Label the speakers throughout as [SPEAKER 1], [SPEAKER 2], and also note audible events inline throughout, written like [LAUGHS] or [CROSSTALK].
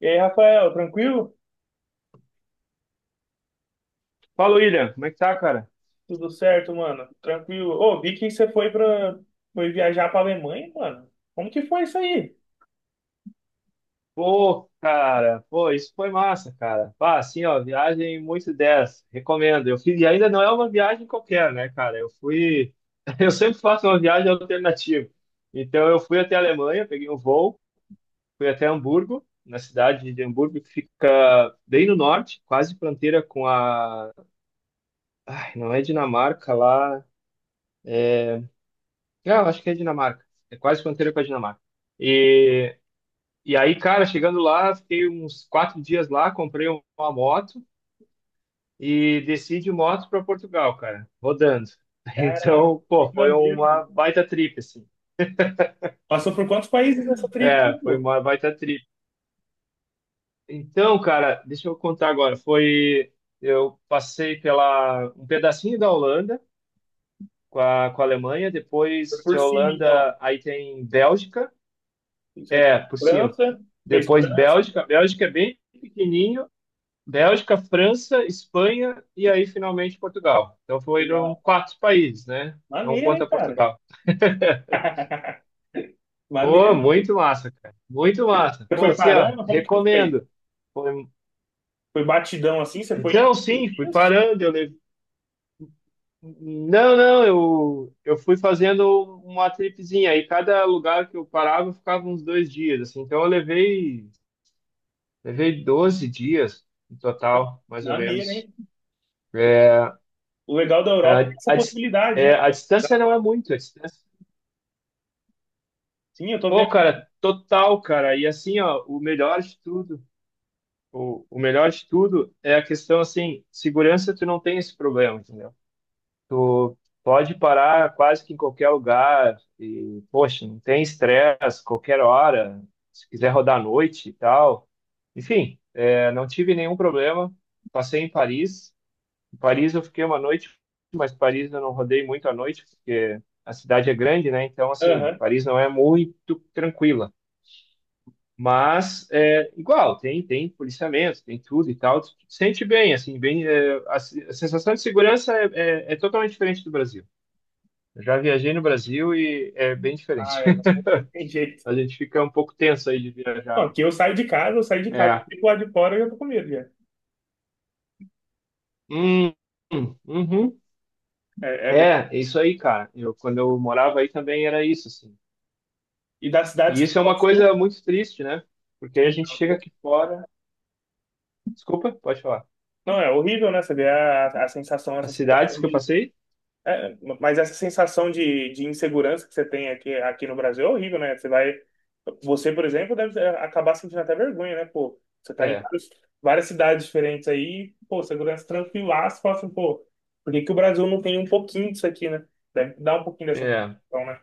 [SPEAKER 1] E aí, Rafael, tranquilo?
[SPEAKER 2] Fala, William, como é que tá, cara?
[SPEAKER 1] Tudo certo, mano? Tranquilo. Ô, vi que você foi pra... foi viajar pra Alemanha, mano. Como que foi isso aí?
[SPEAKER 2] Pô, cara, pô, isso foi massa, cara. Pá, assim, ó, viagem muito 10, recomendo. Eu fiz, e ainda não é uma viagem qualquer, né, cara? [LAUGHS] Eu sempre faço uma viagem alternativa. Então, eu fui até a Alemanha, peguei um voo, fui até Hamburgo, na cidade de Hamburgo, que fica bem no norte, quase fronteira com a. Ai, não é Dinamarca lá. Ah, eu acho que é Dinamarca. É quase fronteira com a Dinamarca. E E aí, cara, chegando lá, fiquei uns quatro dias lá, comprei uma moto e desci de moto para Portugal, cara, rodando. [LAUGHS]
[SPEAKER 1] Caraca,
[SPEAKER 2] Então,
[SPEAKER 1] que
[SPEAKER 2] pô, foi
[SPEAKER 1] maneiro, mano.
[SPEAKER 2] uma baita trip, assim.
[SPEAKER 1] Passou por quantos países nessa trip, aí,
[SPEAKER 2] É, foi
[SPEAKER 1] pô?
[SPEAKER 2] uma baita trip. Então, cara, deixa eu contar agora. Eu passei pela um pedacinho da Holanda com a Alemanha,
[SPEAKER 1] Foi
[SPEAKER 2] depois de
[SPEAKER 1] por cima, então.
[SPEAKER 2] Holanda, aí tem Bélgica,
[SPEAKER 1] Isso é
[SPEAKER 2] é, por cima.
[SPEAKER 1] França, fez
[SPEAKER 2] Depois
[SPEAKER 1] França.
[SPEAKER 2] Bélgica é bem pequenininho, Bélgica, França, Espanha e aí finalmente Portugal. Então foram
[SPEAKER 1] Legal.
[SPEAKER 2] quatro países, né? Não
[SPEAKER 1] Maneiro, hein,
[SPEAKER 2] conta
[SPEAKER 1] cara?
[SPEAKER 2] Portugal.
[SPEAKER 1] [LAUGHS]
[SPEAKER 2] Pô,
[SPEAKER 1] Maneiro.
[SPEAKER 2] muito massa, cara. Muito massa.
[SPEAKER 1] Você
[SPEAKER 2] Pô,
[SPEAKER 1] foi
[SPEAKER 2] assim, ó,
[SPEAKER 1] parando? Como que foi?
[SPEAKER 2] recomendo. Foi- um,
[SPEAKER 1] Foi batidão assim? Você foi
[SPEAKER 2] Então,
[SPEAKER 1] em os
[SPEAKER 2] sim, fui
[SPEAKER 1] dias?
[SPEAKER 2] parando. Eu levei. Não, não, eu fui fazendo uma tripzinha. Aí cada lugar que eu parava eu ficava uns dois dias, assim. Então eu levei 12 dias no
[SPEAKER 1] É,
[SPEAKER 2] total, mais ou
[SPEAKER 1] maneiro,
[SPEAKER 2] menos.
[SPEAKER 1] hein?
[SPEAKER 2] É,
[SPEAKER 1] O legal da Europa é essa
[SPEAKER 2] a dis-
[SPEAKER 1] possibilidade, né?
[SPEAKER 2] a distância
[SPEAKER 1] Dá-
[SPEAKER 2] não é muito, a distância.
[SPEAKER 1] Sim, eu tô
[SPEAKER 2] Pô,
[SPEAKER 1] vendo.
[SPEAKER 2] cara, total, cara. E assim, ó, o melhor de tudo, o melhor de tudo é a questão, assim, segurança, tu não tem esse problema, entendeu? Tu pode parar quase que em qualquer lugar e, poxa, não tem estresse, qualquer hora, se quiser rodar à noite e tal. Enfim, é, não tive nenhum problema. Passei em Paris. Em Paris eu fiquei uma noite, mas Paris eu não rodei muito à noite, porque a cidade é grande, né? Então, assim,
[SPEAKER 1] Aham.
[SPEAKER 2] Paris não é muito tranquila. Mas é igual, tem policiamento, tem tudo e tal. Tu sente bem, assim, bem. É, a, se- A sensação de segurança é totalmente diferente do Brasil. Eu já viajei no Brasil e é bem
[SPEAKER 1] Ah,
[SPEAKER 2] diferente.
[SPEAKER 1] é,
[SPEAKER 2] [LAUGHS]
[SPEAKER 1] não tem jeito.
[SPEAKER 2] A gente fica um pouco tenso aí de viajar.
[SPEAKER 1] Bom, que eu saio de casa,
[SPEAKER 2] É.
[SPEAKER 1] fico lá de fora e eu tô com medo já.
[SPEAKER 2] Hum, uhum.
[SPEAKER 1] É, é bem...
[SPEAKER 2] É, é isso aí, cara. Eu, quando eu morava aí também era isso, assim.
[SPEAKER 1] E das
[SPEAKER 2] E
[SPEAKER 1] cidades que
[SPEAKER 2] isso
[SPEAKER 1] tu
[SPEAKER 2] é uma
[SPEAKER 1] passou,
[SPEAKER 2] coisa muito triste, né? Porque a
[SPEAKER 1] em
[SPEAKER 2] gente chega
[SPEAKER 1] avô.
[SPEAKER 2] aqui fora. Desculpa, pode falar.
[SPEAKER 1] Não, é horrível, né? Você vê a sensação, essa
[SPEAKER 2] As cidades
[SPEAKER 1] sensação
[SPEAKER 2] que eu
[SPEAKER 1] de.
[SPEAKER 2] passei?
[SPEAKER 1] É, mas essa sensação de insegurança que você tem aqui, aqui no Brasil é horrível, né? Você vai. Você, por exemplo, deve acabar sentindo até vergonha, né? Pô, você tá
[SPEAKER 2] É,
[SPEAKER 1] várias cidades diferentes aí, pô, segurança tranquilaço, fala assim, pô, por que que o Brasil não tem um pouquinho disso aqui, né? Deve dar um pouquinho dessa
[SPEAKER 2] é.
[SPEAKER 1] sensação, né?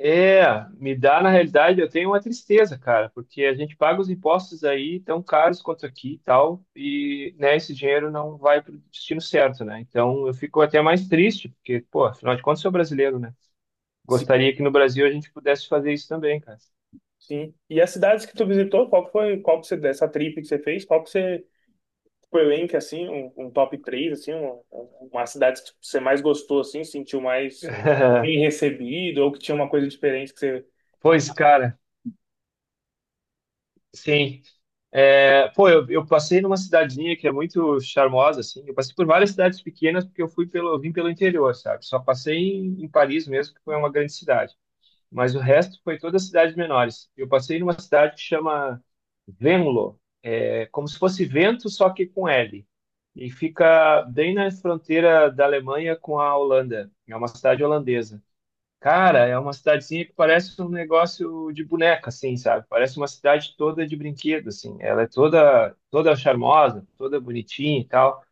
[SPEAKER 2] É, me dá, na realidade, eu tenho uma tristeza, cara, porque a gente paga os impostos aí tão caros quanto aqui e tal, e né, esse dinheiro não vai para o destino certo, né? Então eu fico até mais triste, porque, pô, afinal de contas, sou brasileiro, né? Gostaria que no Brasil a gente pudesse fazer isso também, cara.
[SPEAKER 1] Sim. E as cidades que tu visitou, qual que foi, qual que você, dessa trip que você fez, qual que você, tipo, elenque, assim, um top 3 assim, uma cidade que você mais gostou, assim, sentiu mais bem
[SPEAKER 2] [LAUGHS]
[SPEAKER 1] recebido, ou que tinha uma coisa diferente que você...
[SPEAKER 2] Pois, cara, sim. É, pô, eu passei numa cidadezinha que é muito charmosa, assim. Eu passei por várias cidades pequenas porque eu fui eu vim pelo interior, sabe? Só passei em Paris mesmo, que foi uma grande cidade. Mas o resto foi todas cidades menores. Eu passei numa cidade que chama Venlo, é como se fosse vento, só que com L. E fica bem na fronteira da Alemanha com a Holanda. É uma cidade holandesa. Cara, é uma cidadezinha que parece um negócio de boneca, assim, sabe? Parece uma cidade toda de brinquedo, assim. Ela é toda, toda charmosa, toda bonitinha e tal.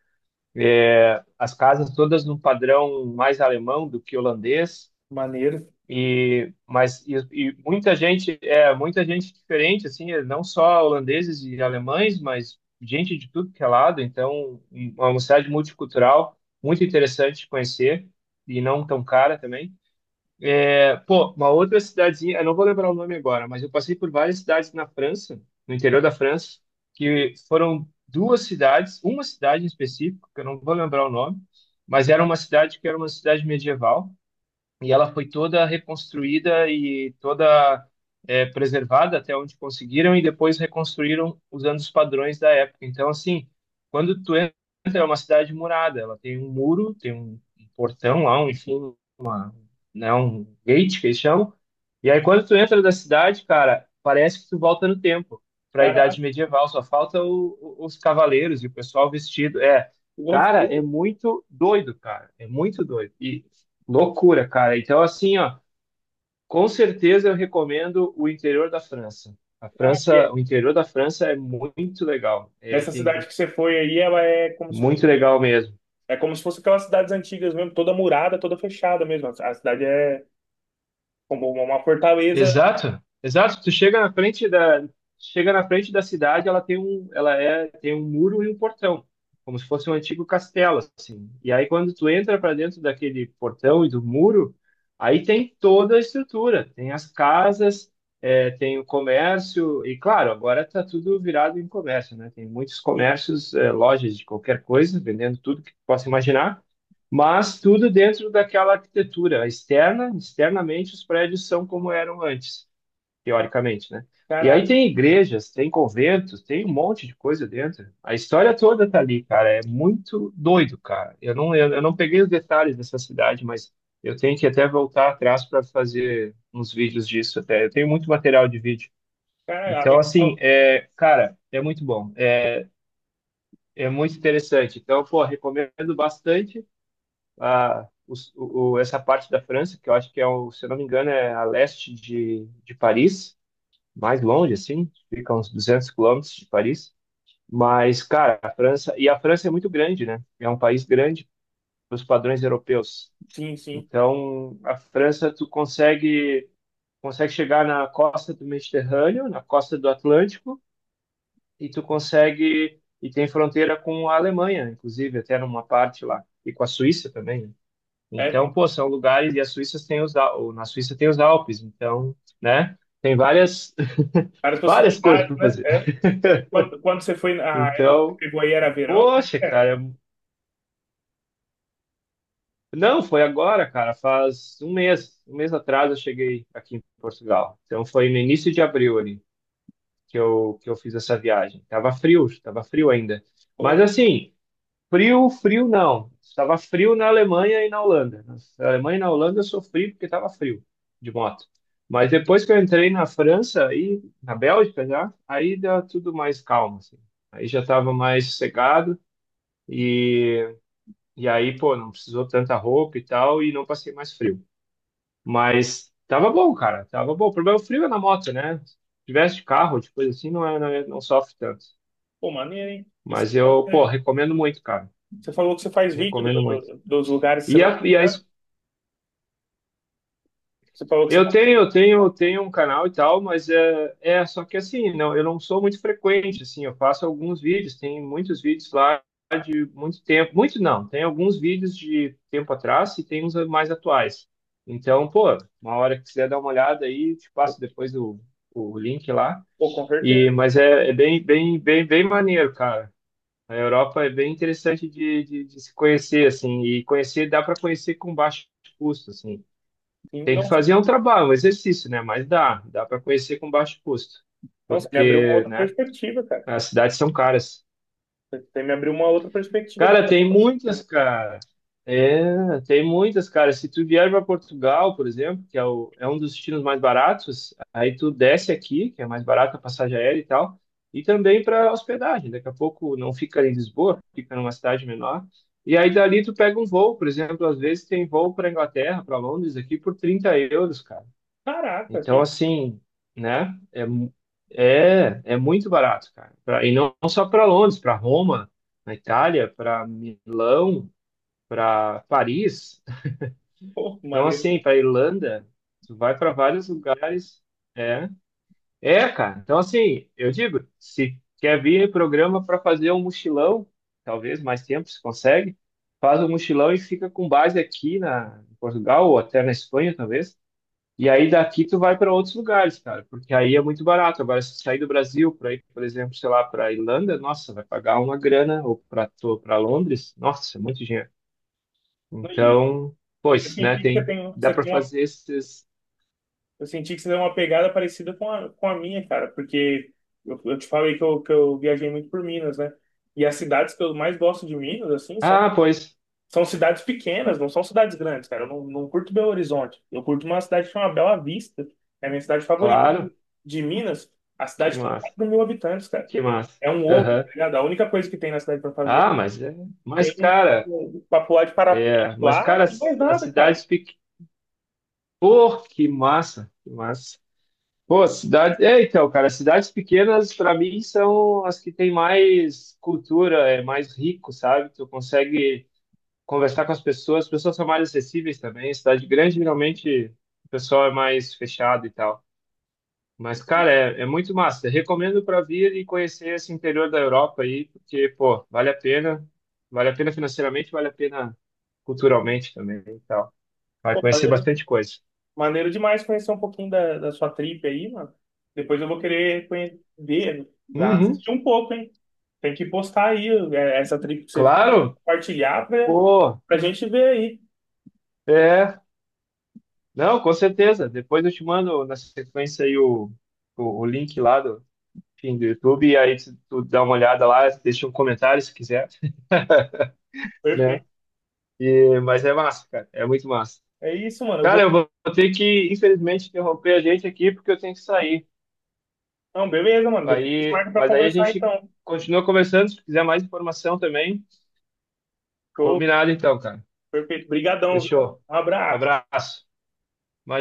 [SPEAKER 2] As casas todas num padrão mais alemão do que holandês
[SPEAKER 1] Maneiro.
[SPEAKER 2] muita gente, é muita gente diferente assim, é não só holandeses e alemães, mas gente de tudo que é lado. Então, uma cidade multicultural muito interessante de conhecer e não tão cara também. É, pô, uma outra cidadezinha, eu não vou lembrar o nome agora, mas eu passei por várias cidades na França, no interior da França, que foram duas cidades, uma cidade em específico, que eu não vou lembrar o nome, mas era uma cidade medieval e ela foi toda reconstruída e toda preservada até onde conseguiram e depois reconstruíram usando os padrões da época. Então, assim, quando tu entra, é uma cidade murada, ela tem um muro, tem um portão lá, um, enfim, né, um gate que eles chamam. E aí quando tu entra da cidade, cara, parece que tu volta no tempo, para a
[SPEAKER 1] Caraca,
[SPEAKER 2] idade medieval, só falta os cavaleiros e o pessoal vestido. É,
[SPEAKER 1] que loucura,
[SPEAKER 2] cara, é muito doido, cara, é muito doido. E loucura, cara. Então assim, ó, com certeza eu recomendo o interior da França. A
[SPEAKER 1] cara.
[SPEAKER 2] França, o interior da França é muito legal. É,
[SPEAKER 1] Essa
[SPEAKER 2] tem
[SPEAKER 1] cidade que você foi aí, ela
[SPEAKER 2] muito legal mesmo.
[SPEAKER 1] é como se fosse aquelas cidades antigas mesmo, toda murada, toda fechada mesmo. A cidade é como uma fortaleza.
[SPEAKER 2] Exato, exato. Tu chega chega na frente da cidade, ela tem um muro e um portão, como se fosse um antigo castelo, assim. E aí quando tu entra para dentro daquele portão e do muro, aí tem toda a estrutura, tem as casas, é, tem o comércio e claro, agora tá tudo virado em comércio, né? Tem muitos
[SPEAKER 1] Sim.
[SPEAKER 2] comércios, é, lojas de qualquer coisa vendendo tudo que tu possa imaginar, mas tudo dentro daquela arquitetura externa, externamente os prédios são como eram antes, teoricamente, né? E aí
[SPEAKER 1] Caraca,
[SPEAKER 2] tem igrejas, tem conventos, tem um monte de coisa dentro. A história toda tá ali, cara, é muito doido, cara. Eu não peguei os detalhes dessa cidade, mas eu tenho que até voltar atrás para fazer uns vídeos disso até. Eu tenho muito material de vídeo.
[SPEAKER 1] caraca,
[SPEAKER 2] Então,
[SPEAKER 1] legal.
[SPEAKER 2] assim, é, cara, é muito bom. É, é muito interessante. Então, pô, recomendo bastante a, os- o- essa parte da França, que eu acho que é, o, se eu não me engano, é a leste de Paris, mais longe, assim, fica uns 200 quilômetros de Paris. Mas, cara, a França é muito grande, né? É um país grande para os padrões europeus.
[SPEAKER 1] Sim, sim.
[SPEAKER 2] Então, a França, consegue chegar na costa do Mediterrâneo, na costa do Atlântico, e e tem fronteira com a Alemanha, inclusive, até numa parte lá, e com a Suíça também, né?
[SPEAKER 1] É,
[SPEAKER 2] Então,
[SPEAKER 1] tem
[SPEAKER 2] pô, são lugares, e a Suíça tem os, Al- ou na Suíça tem os Alpes, então, né? Tem várias, [LAUGHS]
[SPEAKER 1] várias
[SPEAKER 2] várias coisas
[SPEAKER 1] possibilidades,
[SPEAKER 2] para
[SPEAKER 1] né?
[SPEAKER 2] fazer.
[SPEAKER 1] É.
[SPEAKER 2] [LAUGHS]
[SPEAKER 1] Quando você foi na época que você
[SPEAKER 2] Então,
[SPEAKER 1] pegou aí, era verão? Como
[SPEAKER 2] poxa,
[SPEAKER 1] que era?
[SPEAKER 2] cara, não, foi agora, cara, faz um mês atrás eu cheguei aqui em Portugal. Então foi no início de abril ali que eu fiz essa viagem. Tava frio ainda. Mas
[SPEAKER 1] Pô,
[SPEAKER 2] assim, frio, frio não. Estava frio na Alemanha e na Holanda. Na Alemanha e na Holanda eu sofri porque estava frio de moto. Mas depois que eu entrei na França e na Bélgica já, aí dá tudo mais calmo, assim. Aí já estava mais sossegado e, e aí, pô, não precisou tanta roupa e tal e não passei mais frio. Mas tava bom, cara, tava bom. O problema é frio é na moto, né? Se tivesse de carro, de coisa assim, não sofre tanto.
[SPEAKER 1] pô, maneiro, hein? E você
[SPEAKER 2] Mas
[SPEAKER 1] falou
[SPEAKER 2] eu, pô,
[SPEAKER 1] que
[SPEAKER 2] recomendo muito, cara.
[SPEAKER 1] você faz vídeo
[SPEAKER 2] Recomendo muito.
[SPEAKER 1] dos lugares que você vai
[SPEAKER 2] E a
[SPEAKER 1] visitando. Você falou que você
[SPEAKER 2] Eu
[SPEAKER 1] faz.
[SPEAKER 2] tenho, eu tenho, eu tenho um canal e tal, mas é, é só que assim, não, eu não sou muito frequente, assim, eu faço alguns vídeos, tem muitos vídeos lá de muito tempo, muito não, tem alguns vídeos de tempo atrás e tem uns mais atuais. Então, pô, uma hora que quiser dar uma olhada aí, te
[SPEAKER 1] Pô,
[SPEAKER 2] passo depois o link lá.
[SPEAKER 1] pô, com
[SPEAKER 2] E,
[SPEAKER 1] certeza.
[SPEAKER 2] mas é, é bem maneiro, cara. A Europa é bem interessante de se conhecer, assim, e conhecer, dá para conhecer com baixo custo, assim.
[SPEAKER 1] E,
[SPEAKER 2] Tem que
[SPEAKER 1] nossa,
[SPEAKER 2] fazer um trabalho, um exercício, né? Mas dá para conhecer com baixo custo,
[SPEAKER 1] nossa, me abriu uma
[SPEAKER 2] porque,
[SPEAKER 1] outra
[SPEAKER 2] né?
[SPEAKER 1] perspectiva, cara.
[SPEAKER 2] As cidades são caras.
[SPEAKER 1] Você me abriu uma outra perspectiva da
[SPEAKER 2] Cara, tem
[SPEAKER 1] nossa.
[SPEAKER 2] muitas, cara. É, tem muitas, cara. Se tu vier para Portugal, por exemplo, que é, o, é um dos destinos mais baratos, aí tu desce aqui, que é mais barato a passagem aérea e tal, e também para hospedagem. Daqui a pouco não fica em Lisboa, fica numa cidade menor. E aí dali tu pega um voo, por exemplo, às vezes tem voo para Inglaterra, para Londres aqui por 30 euros, cara.
[SPEAKER 1] Caraca,
[SPEAKER 2] Então,
[SPEAKER 1] que
[SPEAKER 2] assim, né? É muito barato, cara. E não só para Londres, para Roma, na Itália, para Milão, para Paris.
[SPEAKER 1] pô,
[SPEAKER 2] Então,
[SPEAKER 1] maneiro.
[SPEAKER 2] assim, para
[SPEAKER 1] Demais.
[SPEAKER 2] Irlanda, tu vai para vários lugares. É, é, cara. Então, assim, eu digo, se quer vir programa para fazer um mochilão, talvez mais tempo se consegue, faz um mochilão e fica com base aqui na em Portugal ou até na Espanha, talvez. E aí daqui tu vai para outros lugares, cara, porque aí é muito barato. Agora, se sair do Brasil para ir, por exemplo, sei lá, para Irlanda, nossa, vai pagar uma grana, ou para Londres, nossa, é muito dinheiro.
[SPEAKER 1] E,
[SPEAKER 2] Então,
[SPEAKER 1] e eu
[SPEAKER 2] pois, né,
[SPEAKER 1] senti que
[SPEAKER 2] tem, dá
[SPEAKER 1] você
[SPEAKER 2] para
[SPEAKER 1] tem uma,
[SPEAKER 2] fazer esses.
[SPEAKER 1] eu senti que você tem uma pegada parecida com a minha, cara, porque eu te falei que eu viajei muito por Minas, né? E as cidades que eu mais gosto de Minas, assim,
[SPEAKER 2] Ah, pois,
[SPEAKER 1] são cidades pequenas, não são cidades grandes, cara. Eu não, não curto Belo Horizonte. Eu curto uma cidade que chama Bela Vista. É a minha cidade favorita
[SPEAKER 2] claro,
[SPEAKER 1] de Minas. A
[SPEAKER 2] que
[SPEAKER 1] cidade tem
[SPEAKER 2] massa,
[SPEAKER 1] 4.000 habitantes, cara.
[SPEAKER 2] que massa.
[SPEAKER 1] É um ovo, tá
[SPEAKER 2] Aham.
[SPEAKER 1] ligado? A única coisa que tem na cidade pra fazer
[SPEAKER 2] Ah, mas
[SPEAKER 1] tem
[SPEAKER 2] cara,
[SPEAKER 1] pra pular de parapente
[SPEAKER 2] mas
[SPEAKER 1] lá
[SPEAKER 2] cara,
[SPEAKER 1] e mais
[SPEAKER 2] as
[SPEAKER 1] nada, cara.
[SPEAKER 2] cidades pequenas. Pô, que massa, que massa. Pô, cidade. É, então, cara, cidades pequenas, para mim, são as que têm mais cultura, é mais rico, sabe? Tu consegue conversar com as pessoas são mais acessíveis também. Cidade grande, geralmente, o pessoal é mais fechado e tal. Mas, cara, é muito massa. Recomendo para vir e conhecer esse interior da Europa aí, porque, pô, vale a pena. Vale a pena financeiramente, vale a pena culturalmente também e tal. Vai
[SPEAKER 1] Pô,
[SPEAKER 2] conhecer
[SPEAKER 1] maneiro,
[SPEAKER 2] bastante coisa.
[SPEAKER 1] maneiro demais conhecer um pouquinho da, da sua trip aí, mano. Depois eu vou querer ver,
[SPEAKER 2] Uhum,
[SPEAKER 1] assistir um pouco, hein? Tem que postar aí é, essa trip que você fez,
[SPEAKER 2] claro,
[SPEAKER 1] compartilhar pra,
[SPEAKER 2] pô,
[SPEAKER 1] pra gente ver aí.
[SPEAKER 2] é. Não, com certeza. Depois eu te mando na sequência aí o link lá do, enfim, do YouTube, e aí tu dá uma olhada lá, deixa um comentário se quiser, né?
[SPEAKER 1] Perfeito.
[SPEAKER 2] E, mas é massa, cara, é muito massa.
[SPEAKER 1] É isso, mano. Eu
[SPEAKER 2] Cara,
[SPEAKER 1] vou.
[SPEAKER 2] eu vou ter que, infelizmente, interromper a gente aqui porque eu tenho que sair.
[SPEAKER 1] Não, beleza, mano. Depois
[SPEAKER 2] Aí,
[SPEAKER 1] marca pra
[SPEAKER 2] mas aí a
[SPEAKER 1] conversar
[SPEAKER 2] gente
[SPEAKER 1] então.
[SPEAKER 2] continua conversando, se quiser mais informação também.
[SPEAKER 1] Show.
[SPEAKER 2] Combinado então, cara.
[SPEAKER 1] Perfeito. Brigadão, viu?
[SPEAKER 2] Fechou.
[SPEAKER 1] Um abraço.
[SPEAKER 2] Abraço.